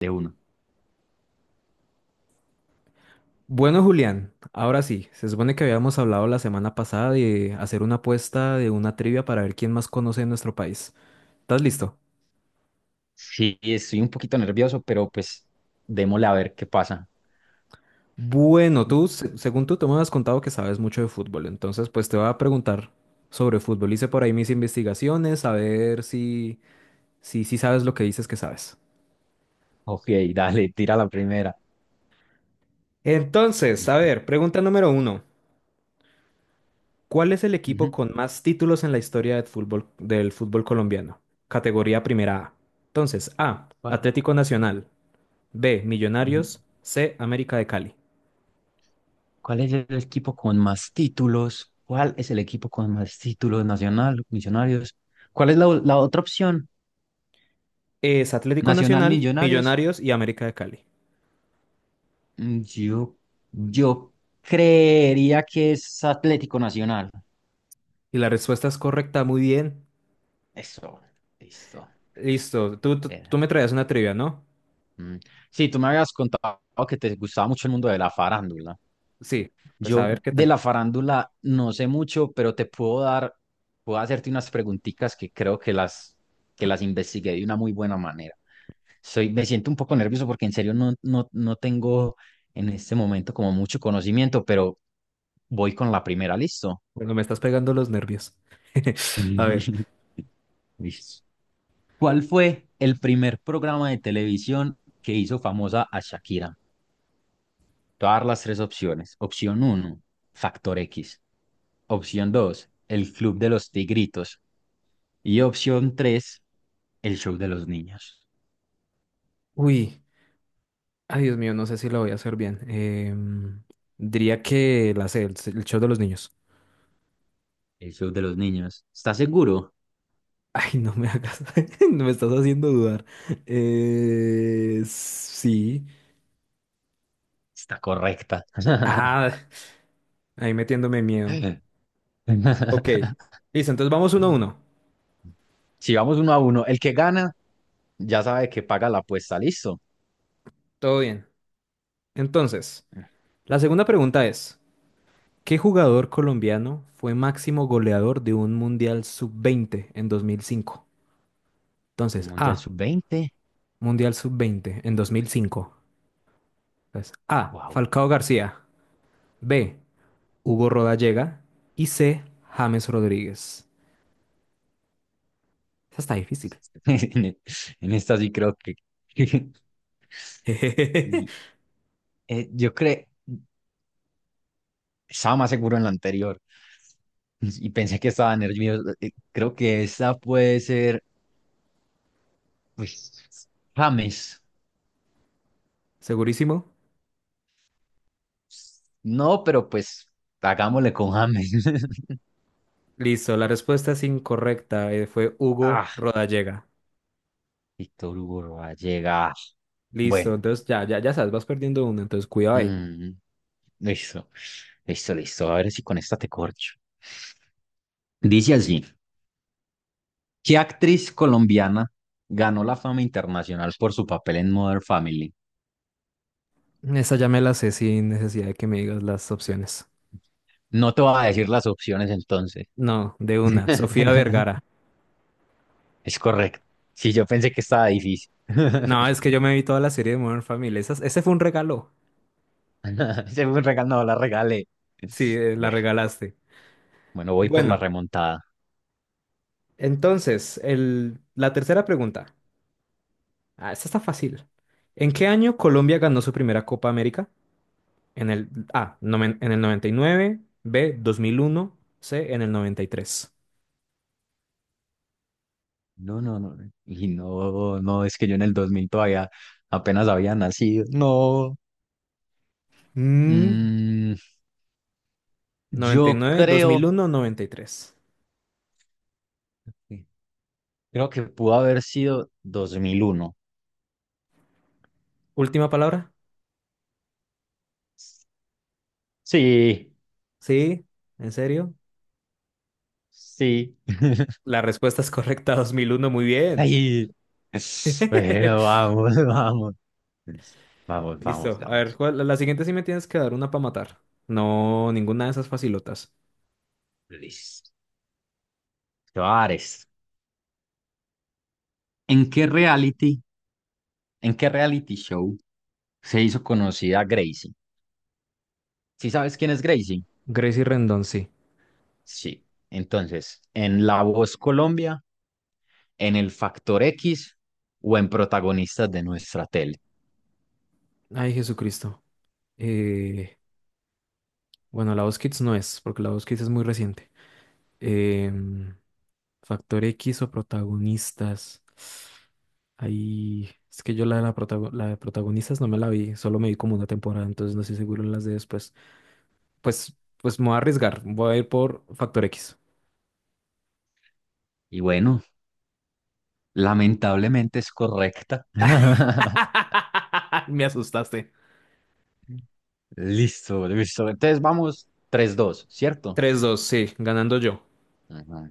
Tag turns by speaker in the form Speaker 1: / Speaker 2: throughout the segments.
Speaker 1: De uno.
Speaker 2: Bueno, Julián, ahora sí, se supone que habíamos hablado la semana pasada de hacer una apuesta de una trivia para ver quién más conoce de nuestro país. ¿Estás listo?
Speaker 1: Sí, estoy un poquito nervioso, pero pues démosle a ver qué pasa.
Speaker 2: Bueno, tú, según tú, te me has contado que sabes mucho de fútbol, entonces pues te voy a preguntar sobre fútbol. Hice por ahí mis investigaciones, a ver si, si sabes lo que dices que sabes.
Speaker 1: Ok, dale, tira la primera.
Speaker 2: Entonces, a
Speaker 1: Listo.
Speaker 2: ver, pregunta número uno. ¿Cuál es el equipo
Speaker 1: Ujú.
Speaker 2: con más títulos en la historia del fútbol colombiano? Categoría primera A. Entonces, A,
Speaker 1: ¿Cuál
Speaker 2: Atlético Nacional; B,
Speaker 1: ujú.
Speaker 2: Millonarios; C, América de Cali.
Speaker 1: ¿Cuál es el equipo con más títulos? ¿Cuál es el equipo con más títulos nacional, Millonarios? ¿Cuál es la otra opción?
Speaker 2: Es Atlético
Speaker 1: Nacional
Speaker 2: Nacional,
Speaker 1: Millonarios.
Speaker 2: Millonarios y América de Cali.
Speaker 1: Mm, Yo, yo creería que es Atlético Nacional.
Speaker 2: Y la respuesta es correcta, muy bien.
Speaker 1: Eso, listo.
Speaker 2: Listo, tú me traías una trivia, ¿no?
Speaker 1: Mm. Sí, tú me habías contado que te gustaba mucho el mundo de la farándula.
Speaker 2: Sí, pues a
Speaker 1: Yo
Speaker 2: ver qué
Speaker 1: de
Speaker 2: tal.
Speaker 1: la farándula no sé mucho, pero puedo hacerte unas preguntitas que creo que las investigué de una muy buena manera. Me siento un poco nervioso porque en serio no tengo en este momento como mucho conocimiento, pero voy con la primera, ¿listo?
Speaker 2: Bueno, me estás pegando los nervios. A ver.
Speaker 1: Listo. ¿Cuál fue el primer programa de televisión que hizo famosa a Shakira? Te voy a dar las tres opciones. Opción uno Factor X. Opción 2 El Club de los Tigritos. Y opción 3 El Show de los Niños.
Speaker 2: Uy, ay Dios mío, no sé si lo voy a hacer bien. Diría que la sé, el show de los niños.
Speaker 1: El Show de los Niños. ¿Estás seguro?
Speaker 2: Ay, no me hagas, no me estás haciendo dudar. Sí.
Speaker 1: Está correcta.
Speaker 2: Ah, ahí metiéndome miedo. Ok, listo, entonces vamos uno a uno.
Speaker 1: Si vamos uno a uno, el que gana ya sabe que paga la apuesta, listo.
Speaker 2: Todo bien. Entonces, la segunda pregunta es, ¿qué jugador colombiano fue máximo goleador de un Mundial Sub-20 en 2005?
Speaker 1: Un
Speaker 2: Entonces,
Speaker 1: Mundial
Speaker 2: A,
Speaker 1: sub-20
Speaker 2: Mundial Sub-20 en 2005. Entonces, A,
Speaker 1: wow.
Speaker 2: Falcao García; B, Hugo Rodallega; y C, James Rodríguez. Esa está difícil.
Speaker 1: En esta sí creo que... Y, eh, yo creo, estaba más seguro en la anterior y pensé que estaba nervioso. Creo que esta puede ser, pues, James.
Speaker 2: ¿Segurísimo?
Speaker 1: No, pero pues, hagámosle con James.
Speaker 2: Listo, la respuesta es incorrecta, fue
Speaker 1: Ah,
Speaker 2: Hugo Rodallega.
Speaker 1: Víctor Hugo llega.
Speaker 2: Listo,
Speaker 1: Bueno,
Speaker 2: entonces ya, ya sabes, vas perdiendo uno, entonces cuidado ahí.
Speaker 1: mm, listo, listo, listo. A ver si con esta te corcho. Dice así: ¿Qué actriz colombiana ganó la fama internacional por su papel en Modern Family?
Speaker 2: Esa ya me la sé sin necesidad de que me digas las opciones.
Speaker 1: No te voy a decir las opciones entonces.
Speaker 2: No, de una, Sofía Vergara.
Speaker 1: Es correcto. Sí, yo pensé que estaba difícil.
Speaker 2: No, es que yo me vi toda la serie de Modern Family. Ese fue un regalo.
Speaker 1: Se fue un regalo, no, la regalé.
Speaker 2: Sí, la
Speaker 1: Bueno,
Speaker 2: regalaste.
Speaker 1: bueno, voy por la
Speaker 2: Bueno,
Speaker 1: remontada.
Speaker 2: entonces, la tercera pregunta. Ah, esta está fácil. ¿En qué año Colombia ganó su primera Copa América? En el A, en el 99; B, 2001; C, en el 93.
Speaker 1: No, no, no. Y no, no, es que yo en el 2000 todavía apenas había nacido. No.
Speaker 2: Mm,
Speaker 1: Mm, yo
Speaker 2: 99,
Speaker 1: creo,
Speaker 2: 2001, 93.
Speaker 1: creo que pudo haber sido 2001.
Speaker 2: Última palabra.
Speaker 1: Sí,
Speaker 2: Sí, en serio.
Speaker 1: sí.
Speaker 2: La respuesta es correcta, 2001. Muy bien.
Speaker 1: Ay, bueno, vamos, vamos. Vamos, vamos,
Speaker 2: Listo. A ver,
Speaker 1: vamos.
Speaker 2: la siguiente sí me tienes que dar una para matar. No, ninguna de esas facilotas.
Speaker 1: Listo. Te voy a dar esta. ¿En qué reality, en qué reality show se hizo conocida Gracie? ¿Sí sabes quién es Gracie?
Speaker 2: Gracie Rendón, sí.
Speaker 1: Sí. Entonces, ¿en La Voz Colombia, en El Factor X o en Protagonistas de nuestra tele?
Speaker 2: Ay, Jesucristo. Eh, bueno, la voz Kids no es, porque la voz Kids es muy reciente. Em, Factor X o protagonistas. Ahí, es que yo la de, la de protagonistas no me la vi, solo me vi como una temporada, entonces no estoy seguro en las de después. Pues me voy a arriesgar. Voy a ir por factor X.
Speaker 1: Y bueno, lamentablemente es correcta.
Speaker 2: Me asustaste.
Speaker 1: Listo, listo. Entonces vamos tres, dos, ¿cierto?
Speaker 2: Tres, dos, sí, ganando yo.
Speaker 1: Ajá,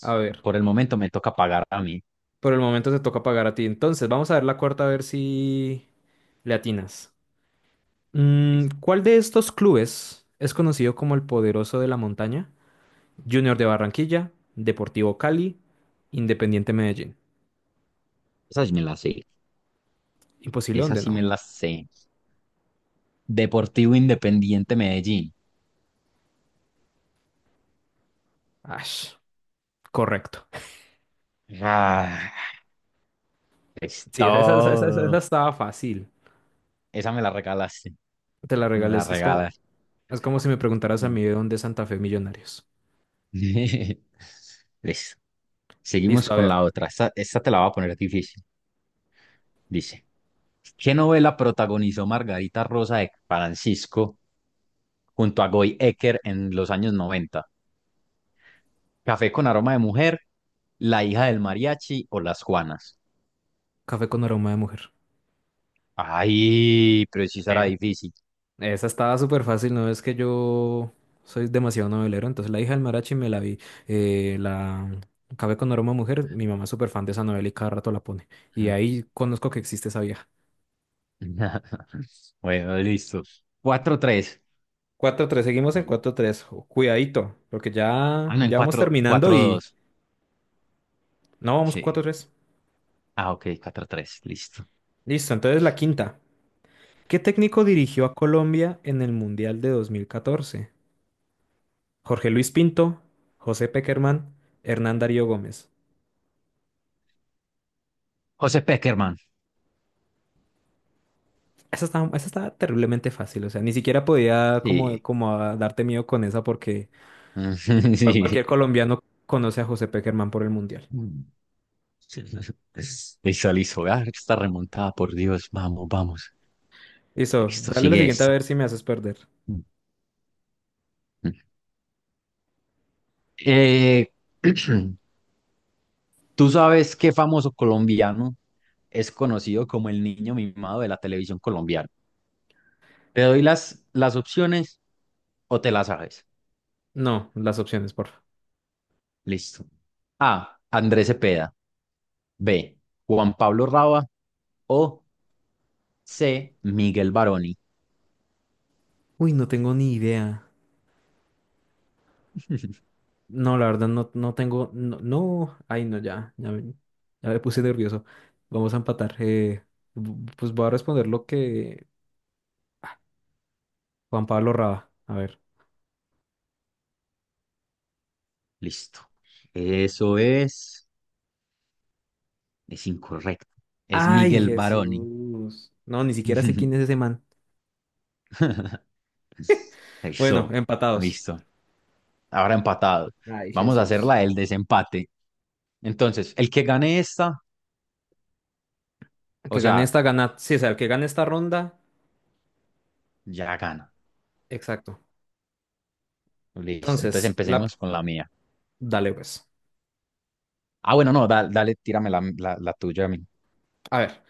Speaker 2: A ver,
Speaker 1: Por el momento me toca pagar a mí.
Speaker 2: por el momento te toca pagar a ti. Entonces, vamos a ver la cuarta a ver si le atinas. Mm,
Speaker 1: Listo.
Speaker 2: ¿cuál de estos clubes es conocido como el poderoso de la montaña? Junior de Barranquilla, Deportivo Cali, Independiente Medellín.
Speaker 1: Esa sí me la sé.
Speaker 2: Imposible
Speaker 1: Esa
Speaker 2: donde
Speaker 1: sí me
Speaker 2: no.
Speaker 1: la sé. Deportivo Independiente Medellín.
Speaker 2: Ash, correcto.
Speaker 1: Ah, es
Speaker 2: Sí, esa
Speaker 1: todo.
Speaker 2: estaba fácil.
Speaker 1: Esa me la regalaste.
Speaker 2: Te la
Speaker 1: Me
Speaker 2: regalé.
Speaker 1: la
Speaker 2: Eso es como…
Speaker 1: regalas.
Speaker 2: Es como si me preguntaras a
Speaker 1: Mm.
Speaker 2: mí de dónde es Santa Fe Millonarios.
Speaker 1: Listo. Seguimos
Speaker 2: Listo, a
Speaker 1: con
Speaker 2: ver.
Speaker 1: la otra. Esta te la voy a poner difícil. Dice, ¿qué novela protagonizó Margarita Rosa de Francisco junto a Goy Ecker en los años 90? ¿Café con aroma de mujer, La hija del mariachi o Las Juanas?
Speaker 2: Café con aroma de mujer.
Speaker 1: Ay, pero sí será
Speaker 2: Eh,
Speaker 1: difícil.
Speaker 2: Esa estaba súper fácil, ¿no? Es que yo soy demasiado novelero, entonces La hija del Marachi me la vi. La Café con aroma de mujer, mi mamá es súper fan de esa novela y cada rato la pone. Y
Speaker 1: Mm.
Speaker 2: ahí conozco que existe esa vieja.
Speaker 1: Bueno, listo. Cuatro tres.
Speaker 2: Cuatro tres, seguimos en
Speaker 1: Ay,
Speaker 2: cuatro tres. Cuidadito, porque ya,
Speaker 1: ah, no, en
Speaker 2: ya vamos
Speaker 1: cuatro
Speaker 2: terminando
Speaker 1: cuatro
Speaker 2: y…
Speaker 1: dos.
Speaker 2: No, vamos cuatro
Speaker 1: Sí.
Speaker 2: tres.
Speaker 1: Ah, ok, 4 tres, listo.
Speaker 2: Listo, entonces la quinta. ¿Qué técnico dirigió a Colombia en el Mundial de 2014? Jorge Luis Pinto, José Peckerman, Hernán Darío Gómez.
Speaker 1: José Peckerman.
Speaker 2: Esa estaba terriblemente fácil, o sea, ni siquiera podía
Speaker 1: Sí.
Speaker 2: como, como a darte miedo con esa porque cualquier colombiano conoce a José Peckerman por el Mundial.
Speaker 1: Sí. Listo, listo. Ah, está remontada, por Dios. Vamos, vamos.
Speaker 2: Listo,
Speaker 1: Listo,
Speaker 2: dale la
Speaker 1: sigue
Speaker 2: siguiente a
Speaker 1: esta.
Speaker 2: ver si me haces perder.
Speaker 1: Mm, mm. Eh, ¿Tú sabes qué famoso colombiano es conocido como el niño mimado de la televisión colombiana? ¿Te doy las opciones o te las sabes?
Speaker 2: No, las opciones, porfa.
Speaker 1: Listo. A. Andrés Cepeda. B. Juan Pablo Raba. O C. Miguel Baroni.
Speaker 2: Uy, no tengo ni idea. No, la verdad, no, ay, no, ya, ya me puse nervioso. Vamos a empatar. Pues voy a responder lo que Juan Pablo Raba, a ver.
Speaker 1: Listo. Eso es, es incorrecto. Es
Speaker 2: Ay,
Speaker 1: Miguel Baroni.
Speaker 2: Jesús. No, ni siquiera sé quién es ese man. Bueno,
Speaker 1: Eso,
Speaker 2: empatados.
Speaker 1: listo. Ahora empatado.
Speaker 2: Ay,
Speaker 1: Vamos a hacer la
Speaker 2: Jesús.
Speaker 1: del desempate. Entonces, el que gane esta,
Speaker 2: El
Speaker 1: o
Speaker 2: que gane
Speaker 1: sea,
Speaker 2: esta, gana. Sí, o sea, el que gane esta ronda.
Speaker 1: ya gana.
Speaker 2: Exacto.
Speaker 1: Listo. Entonces
Speaker 2: Entonces, la…
Speaker 1: empecemos con la mía.
Speaker 2: dale pues.
Speaker 1: Ah, bueno, no, dale, tírame la tuya a mí.
Speaker 2: A ver.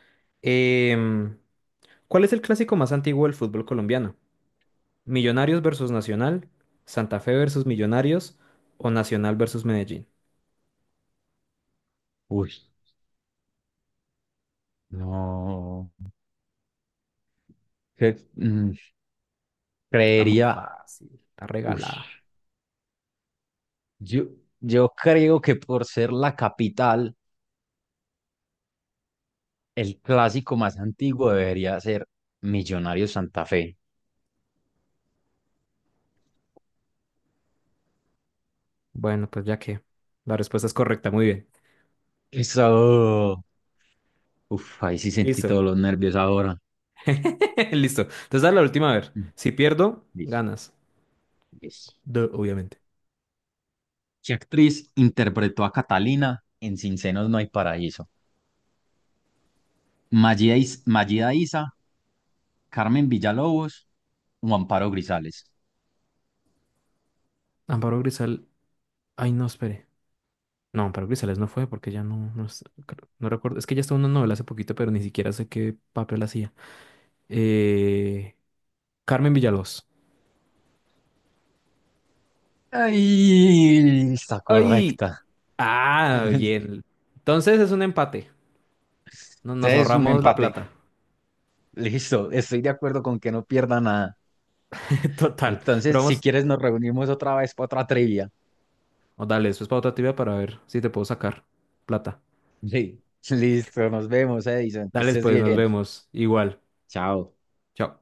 Speaker 2: em, ¿Cuál es el clásico más antiguo del fútbol colombiano? ¿Millonarios versus Nacional? ¿Santa Fe versus Millonarios? ¿O Nacional versus Medellín?
Speaker 1: Uy, no. Que- mm,
Speaker 2: Está muy
Speaker 1: Creería.
Speaker 2: fácil. Está
Speaker 1: Uy,
Speaker 2: regalada.
Speaker 1: yo, yo creo que por ser la capital. El clásico más antiguo debería ser Millonarios Santa Fe.
Speaker 2: Bueno, pues ya que la respuesta es correcta. Muy bien.
Speaker 1: Eso. Uf, ahí sí sentí
Speaker 2: Listo.
Speaker 1: todos los nervios ahora.
Speaker 2: Listo. Entonces, dale la última, a ver.
Speaker 1: Mm,
Speaker 2: Si pierdo,
Speaker 1: Listo,
Speaker 2: ganas.
Speaker 1: listo.
Speaker 2: Obviamente.
Speaker 1: ¿Qué actriz interpretó a Catalina en Sin Senos No Hay Paraíso? Mayida Isa, Carmen Villalobos o Amparo Grisales.
Speaker 2: Amparo Grisal. Ay, no, espere. No, Amparo Grisales no fue porque ya no, no, no recuerdo. Es que ya estaba en una novela hace poquito, pero ni siquiera sé qué papel hacía. Eh, Carmen Villalobos.
Speaker 1: Ay, está
Speaker 2: ¡Ay!
Speaker 1: correcta.
Speaker 2: Ah, bien. Entonces es un empate. Nos
Speaker 1: Este es un
Speaker 2: ahorramos la
Speaker 1: empate.
Speaker 2: plata.
Speaker 1: Listo, estoy de acuerdo con que no pierda nada.
Speaker 2: Total. Pero
Speaker 1: Entonces, si
Speaker 2: vamos,
Speaker 1: quieres, nos reunimos otra vez para otra trivia.
Speaker 2: oh, dale, después para otra tibia para ver si te puedo sacar plata.
Speaker 1: Sí, listo, nos vemos, Edison, que
Speaker 2: Dale,
Speaker 1: estés
Speaker 2: pues, nos
Speaker 1: bien.
Speaker 2: vemos. Igual.
Speaker 1: Chao.
Speaker 2: Chao.